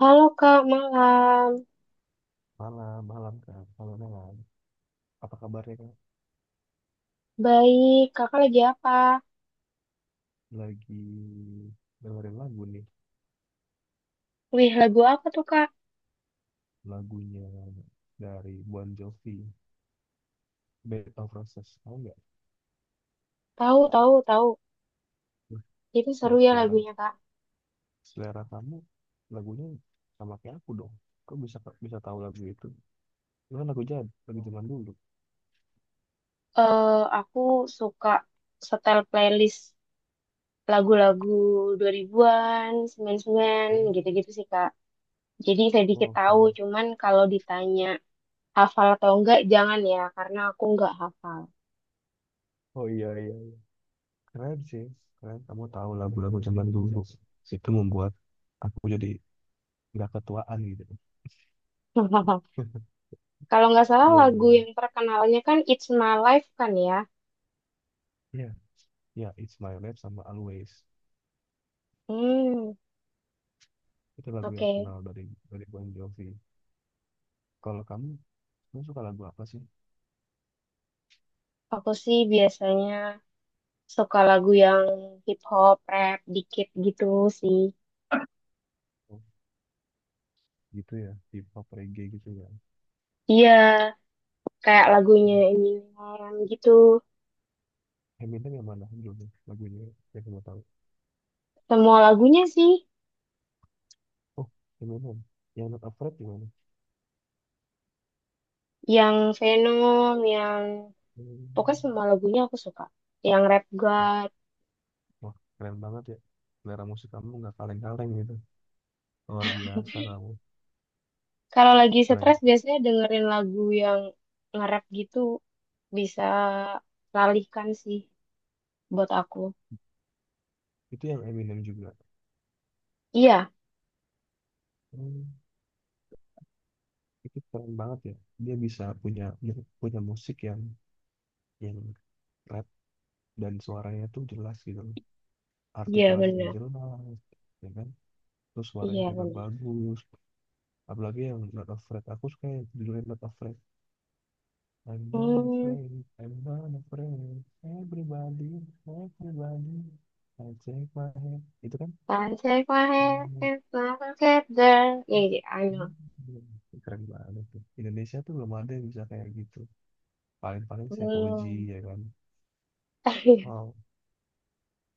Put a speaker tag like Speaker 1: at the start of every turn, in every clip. Speaker 1: Halo Kak, malam.
Speaker 2: Malam, malam Kak. Malam, malam. Apa kabarnya Kak?
Speaker 1: Baik, Kakak lagi apa?
Speaker 2: Lagi dengerin lagu nih.
Speaker 1: Wih, lagu apa tuh Kak?
Speaker 2: Lagunya dari Bon Jovi, Bed of Roses. Tahu nggak?
Speaker 1: Tahu, tahu, tahu.
Speaker 2: Wih,
Speaker 1: Itu seru
Speaker 2: bahas
Speaker 1: ya
Speaker 2: selera.
Speaker 1: lagunya Kak.
Speaker 2: Selera kamu lagunya sama kayak aku dong. Kok bisa bisa tahu lagu itu? Itu kan lagu lagu zaman dulu.
Speaker 1: Eh, aku suka setel playlist lagu-lagu dua ribuan an 99,
Speaker 2: Oh,
Speaker 1: gitu-gitu sih Kak. Jadi sedikit
Speaker 2: oh,
Speaker 1: tahu,
Speaker 2: keren.
Speaker 1: cuman kalau ditanya hafal atau enggak, jangan ya, karena aku enggak hafal.
Speaker 2: Oh iya iya. Keren sih. Keren kamu tahu lagu-lagu zaman dulu. Itu membuat aku jadi nggak ketuaan gitu.
Speaker 1: Kalau nggak salah
Speaker 2: Iya iya.
Speaker 1: lagu
Speaker 2: Iya.
Speaker 1: yang terkenalnya kan It's My Life kan ya?
Speaker 2: Iya, ya, It's My Life sama Always.
Speaker 1: Hmm,
Speaker 2: Itu lagu yang
Speaker 1: oke.
Speaker 2: terkenal dari Bon Jovi. Kalau kamu suka lagu apa sih?
Speaker 1: Aku sih biasanya suka lagu yang hip hop, rap dikit gitu sih.
Speaker 2: Oh, gitu ya, hip hop reggae gitu ya.
Speaker 1: Iya, kayak lagunya
Speaker 2: Oh,
Speaker 1: Eminem gitu.
Speaker 2: Eminem yang mana? Belum ya, lagunya yang kamu tahu.
Speaker 1: Semua lagunya sih,
Speaker 2: Oh, Eminem. Yang Not Afraid gimana?
Speaker 1: yang Venom, yang
Speaker 2: Hmm.
Speaker 1: pokoknya semua lagunya aku suka. Yang Rap
Speaker 2: Oh,
Speaker 1: God.
Speaker 2: wah, keren banget ya. Selera musik kamu nggak kaleng-kaleng gitu. Luar biasa kamu.
Speaker 1: Kalau lagi
Speaker 2: Keren.
Speaker 1: stres biasanya dengerin lagu yang nge-rap gitu bisa teralihkan sih buat aku.
Speaker 2: Itu yang Eminem juga.
Speaker 1: Iya,
Speaker 2: Hmm, itu keren banget ya. Dia bisa punya punya musik yang rap dan suaranya tuh jelas gitu,
Speaker 1: iya
Speaker 2: artikulasinya
Speaker 1: benar.
Speaker 2: jelas ya kan, terus suaranya
Speaker 1: Iya
Speaker 2: juga
Speaker 1: benar.
Speaker 2: bagus, apalagi yang Not Afraid. Aku suka yang judulnya Not Afraid. I'm not
Speaker 1: Hmm,
Speaker 2: afraid, I'm not afraid, everybody, everybody I take my hand, itu kan.
Speaker 1: Sunshine my head is like a feather. Iya, iya, I
Speaker 2: Hmm,
Speaker 1: know.
Speaker 2: Keren banget tuh. Indonesia tuh belum ada yang bisa kayak gitu, paling-paling saya Koji
Speaker 1: Belum.
Speaker 2: ya kan. Wow,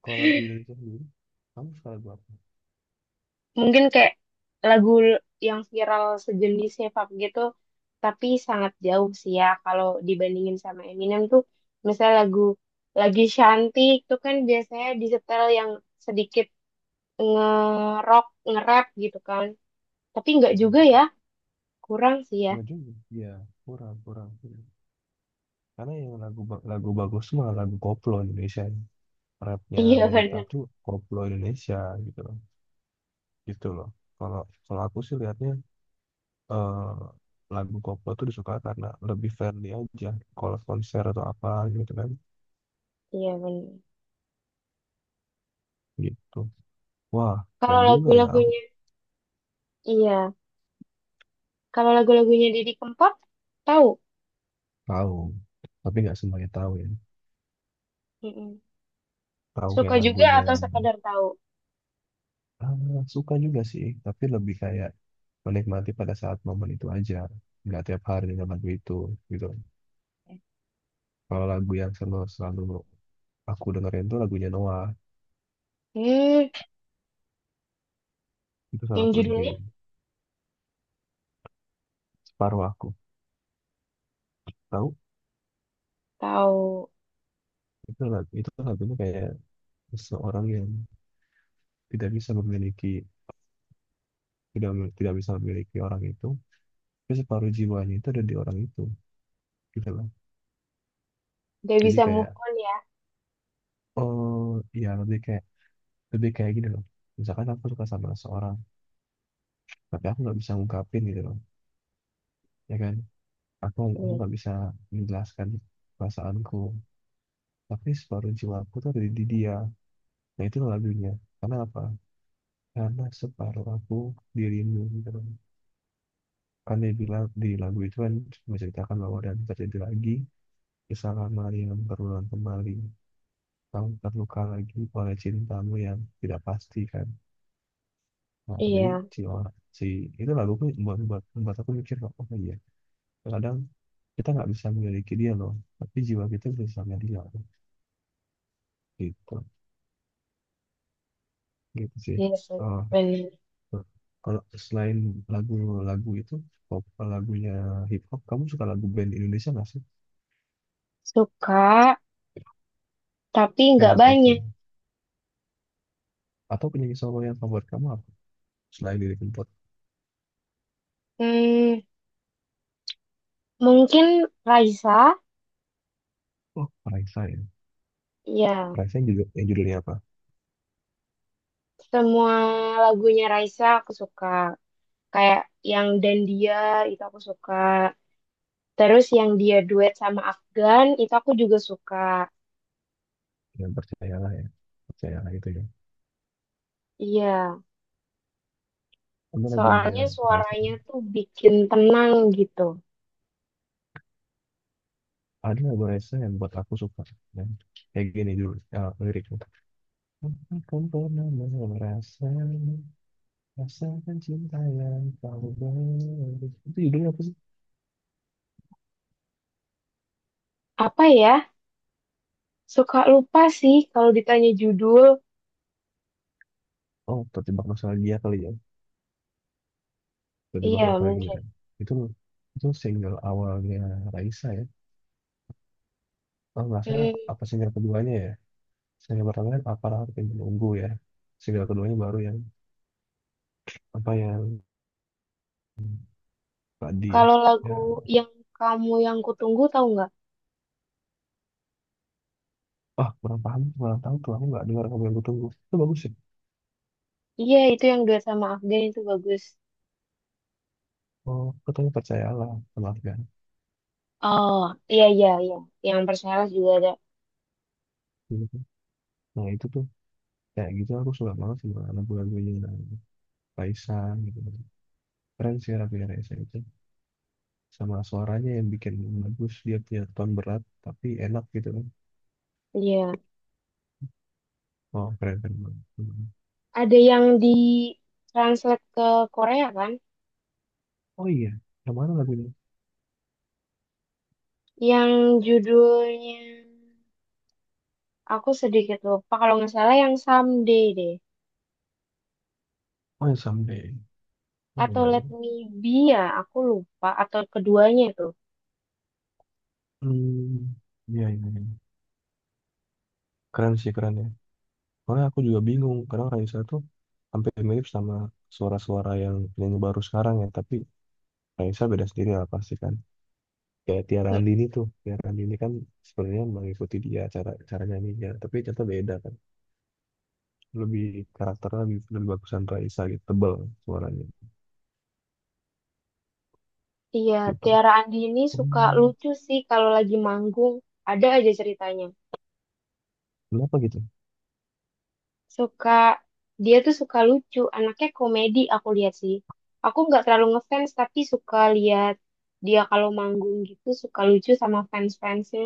Speaker 2: kalau lagu Indonesia sendiri, kamu suka lagu apa?
Speaker 1: Mungkin kayak lagu yang viral sejenis hip hop gitu, tapi sangat jauh sih ya kalau dibandingin sama Eminem tuh, misalnya lagu lagi cantik tuh kan biasanya disetel yang sedikit nge-rock, nge-rap gitu kan. Tapi nggak juga ya, kurang sih ya.
Speaker 2: Enggak juga ya, kurang kurang. Karena yang lagu bagus mah lagu koplo Indonesia. Rapnya
Speaker 1: Iya
Speaker 2: Amerika
Speaker 1: benar.
Speaker 2: tuh koplo Indonesia gitu loh. Gitu loh. Kalau kalau aku sih lihatnya, eh, lagu koplo tuh disuka karena lebih friendly aja. Kalau konser atau apa gitu kan.
Speaker 1: Iya benar.
Speaker 2: Gitu. Wah,
Speaker 1: Kalau
Speaker 2: keren juga ya. Aku
Speaker 1: lagu-lagunya, iya. Kalau lagu-lagunya Didi Kempot, tahu?
Speaker 2: tahu. Tapi nggak semuanya tahu ya.
Speaker 1: Mm-mm.
Speaker 2: Tahu
Speaker 1: Suka
Speaker 2: kayak
Speaker 1: juga
Speaker 2: lagunya.
Speaker 1: atau sekadar tahu?
Speaker 2: Ah, suka juga sih. Tapi lebih kayak menikmati pada saat momen itu aja. Nggak tiap hari dengan lagu itu gitu. Kalau lagu yang selalu selalu aku dengerin tuh lagunya Noah,
Speaker 1: Hmm.
Speaker 2: itu selalu
Speaker 1: Yang
Speaker 2: aku
Speaker 1: judulnya
Speaker 2: dengerin. Separuh aku tahu.
Speaker 1: tahu,
Speaker 2: Itu lagunya kayak seseorang yang tidak bisa memiliki, tidak tidak bisa memiliki orang itu, tapi separuh jiwanya itu ada di orang itu gitu loh.
Speaker 1: gak
Speaker 2: Jadi
Speaker 1: bisa
Speaker 2: kayak,
Speaker 1: move on ya.
Speaker 2: oh ya, lebih kayak gini loh, misalkan aku suka sama seseorang tapi aku nggak bisa ngungkapin gitu loh, ya kan. Aku
Speaker 1: Hmm.
Speaker 2: nggak bisa menjelaskan perasaanku, tapi separuh jiwaku tuh ada di dia. Nah, itu lagunya. Karena apa? Karena separuh aku dirimu gitu kan. Kan dia bilang di lagu itu, kan menceritakan bahwa dan terjadi lagi kesalahan Maria yang berulang kembali. Kamu terluka lagi oleh cintamu yang tidak pasti kan. Nah, jadi
Speaker 1: Iya,
Speaker 2: si orang si itu lagu tuh buat, buat aku mikir kok, oh iya. Kadang kita nggak bisa memiliki dia loh, tapi jiwa kita bisa sama dia gitu, gitu sih.
Speaker 1: iya sih,
Speaker 2: Oh,
Speaker 1: bener.
Speaker 2: gitu. Kalau selain lagu-lagu itu, pop, lagunya hip hop, kamu suka lagu band Indonesia nggak sih?
Speaker 1: Suka, tapi nggak
Speaker 2: Band of Cosby.
Speaker 1: banyak.
Speaker 2: Atau penyanyi solo yang favorit kamu apa? Selain Lily Kempot.
Speaker 1: Hmm, mungkin Raisa,
Speaker 2: Oh, Raisa ya.
Speaker 1: ya.
Speaker 2: Raisa yang judulnya apa?
Speaker 1: Semua lagunya Raisa aku suka. Kayak yang Dan Dia, itu aku suka. Terus yang dia duet sama Afgan, itu aku juga suka.
Speaker 2: Yang Percayalah ya. Percayalah itu ya.
Speaker 1: Iya,
Speaker 2: Ada lagunya
Speaker 1: soalnya
Speaker 2: Raisa.
Speaker 1: suaranya tuh bikin tenang gitu.
Speaker 2: Ada lagu Raisa yang buat aku suka. Dan kayak gini dulu, ya liriknya. Akan pernah merasa rasakan cinta yang kau beri. Itu judulnya apa sih?
Speaker 1: Apa ya? Suka lupa sih kalau ditanya judul.
Speaker 2: Oh, terjebak nostalgia kali ya. Terjebak
Speaker 1: Iya,
Speaker 2: nostalgia.
Speaker 1: mungkin.
Speaker 2: Itu itu single awalnya Raisa ya. Oh, nggak salah
Speaker 1: Hmm,
Speaker 2: apa single keduanya ya? Single pertama kan aparat yang menunggu ya. Single keduanya baru yang apa, yang tadi ya.
Speaker 1: kalau lagu
Speaker 2: Ya,
Speaker 1: yang kamu yang kutunggu tahu nggak?
Speaker 2: ah, kurang paham, kurang tahu tuh, aku nggak dengar kamu yang kutunggu. Itu bagus sih.
Speaker 1: Iya, itu yang duet sama Afgan itu bagus.
Speaker 2: Oh, katanya percayalah sama Afgan.
Speaker 1: Oh, iya iya iya. Yang Persela juga ada.
Speaker 2: Gitu kan. Nah, itu tuh kayak gitu, aku suka banget sama lagu-lagunya Paisan gitu. Keren sih Raffi Raisa itu. Sama suaranya yang bikin bagus, dia punya tone berat tapi enak gitu kan.
Speaker 1: Iya.
Speaker 2: Oh, keren keren banget. Hmm.
Speaker 1: Ada yang di translate ke Korea kan?
Speaker 2: Oh iya, yang mana lagunya?
Speaker 1: Yang judulnya aku sedikit lupa kalau nggak salah yang Someday deh.
Speaker 2: Oh, yang Someday. Ya
Speaker 1: Atau
Speaker 2: ya.
Speaker 1: Let
Speaker 2: Ya.
Speaker 1: Me Be ya, aku lupa atau keduanya itu.
Speaker 2: Hmm, iya iya. Iya. Keren sih, keren ya. Soalnya aku juga bingung karena Raisa tuh hampir mirip sama suara-suara yang penyanyi baru sekarang ya. Tapi Raisa beda sendiri lah pasti kan. Kayak Tiara
Speaker 1: Hmm.
Speaker 2: Andini tuh. Tiara Andini kan sebenarnya mengikuti dia, cara cara nyanyinya. Tapi ternyata beda kan. Lebih karakternya lebih bagusan Raisa gitu. Tebel suaranya
Speaker 1: Iya.
Speaker 2: gitu.
Speaker 1: Tiara Andini suka
Speaker 2: Hmm,
Speaker 1: lucu sih kalau lagi manggung. Ada aja ceritanya.
Speaker 2: Kenapa gitu?
Speaker 1: Suka, dia tuh suka lucu, anaknya komedi aku lihat sih. Aku nggak terlalu ngefans tapi suka lihat dia kalau manggung gitu suka lucu sama fans-fansnya.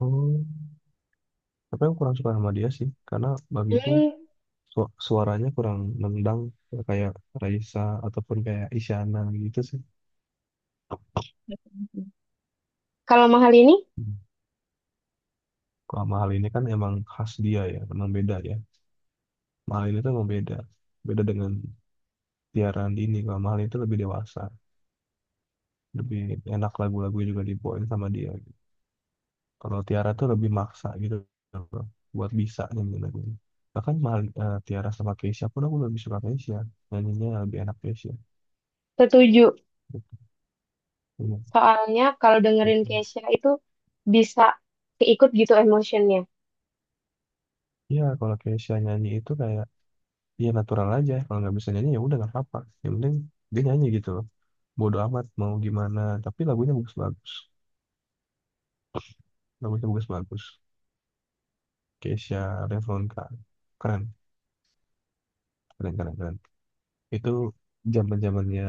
Speaker 2: Oh, tapi aku kurang suka sama dia sih. Karena bagiku
Speaker 1: Hmm,
Speaker 2: suaranya kurang nendang kayak Raisa ataupun kayak Isyana gitu sih.
Speaker 1: kalau mahal ini
Speaker 2: Hmm. Kalau mahal ini kan emang khas dia ya, memang beda ya. Mahal ini tuh emang beda. Beda dengan Tiara ini. Kalau mahal itu lebih dewasa, lebih enak lagu-lagu juga dibawain sama dia, gitu. Kalau Tiara tuh lebih maksa gitu bro, buat bisa nyanyiin lagunya. Bahkan Tiara sama Keisha pun aku lebih suka Keisha. Nyanyinya lebih enak Keisha.
Speaker 1: setuju.
Speaker 2: Gitu. Iya,
Speaker 1: Soalnya kalau dengerin
Speaker 2: gitu.
Speaker 1: Kesha itu bisa keikut gitu emotionnya.
Speaker 2: Iya, kalau Keisha nyanyi itu kayak ya natural aja. Kalau nggak bisa nyanyi ya udah nggak apa-apa. Yang penting dia nyanyi gitu loh. Bodo amat mau gimana, tapi lagunya bagus-bagus. Bagusnya bagus-bagus. Keisha Revlonka. Keren, keren, keren, keren. Itu zamannya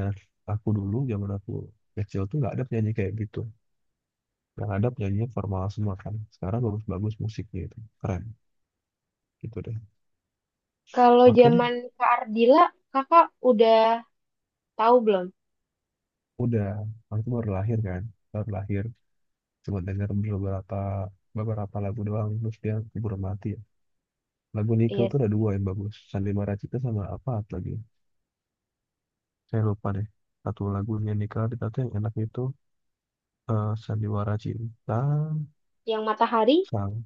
Speaker 2: aku dulu, zaman aku kecil tuh nggak ada penyanyi kayak gitu. Yang ada penyanyi formal semua kan. Sekarang bagus-bagus musiknya itu. Keren, gitu deh.
Speaker 1: Kalau
Speaker 2: Oke deh,
Speaker 1: zaman Kak Ardila, kakak udah tahu belum?
Speaker 2: udah. Aku baru lahir kan. Baru lahir. Cuma denger beberapa beberapa lagu doang. Terus dia keburu mati ya. Lagu Nickel
Speaker 1: Iya.
Speaker 2: tuh ada dua yang bagus. Sandi Maracita sama apa lagi. Saya lupa deh, satu lagunya Nika Ritata yang enak itu, Sandiwara Cinta,
Speaker 1: Yang Matahari?
Speaker 2: Sang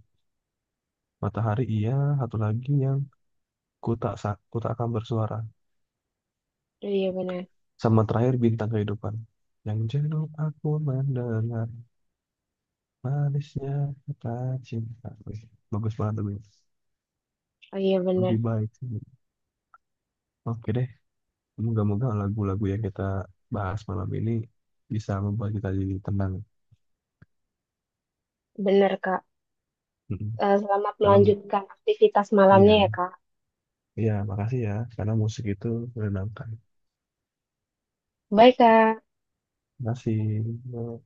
Speaker 2: Matahari, iya. Satu lagi yang ku tak akan bersuara.
Speaker 1: Oh iya benar.
Speaker 2: Sama terakhir Bintang Kehidupan. Yang jenuh aku mendengar manisnya kata cinta. Wih, bagus banget lagunya.
Speaker 1: Oh iya benar.
Speaker 2: Lebih baik. Oke deh, moga-moga lagu-lagu yang kita bahas malam ini bisa membuat kita jadi tenang.
Speaker 1: Benar Kak.
Speaker 2: Mm-mm.
Speaker 1: Selamat
Speaker 2: Karena mu-
Speaker 1: melanjutkan aktivitas malamnya
Speaker 2: iya,
Speaker 1: ya, Kak.
Speaker 2: iya, makasih ya. Karena musik itu menenangkan.
Speaker 1: Bye, Kak.
Speaker 2: Makasih.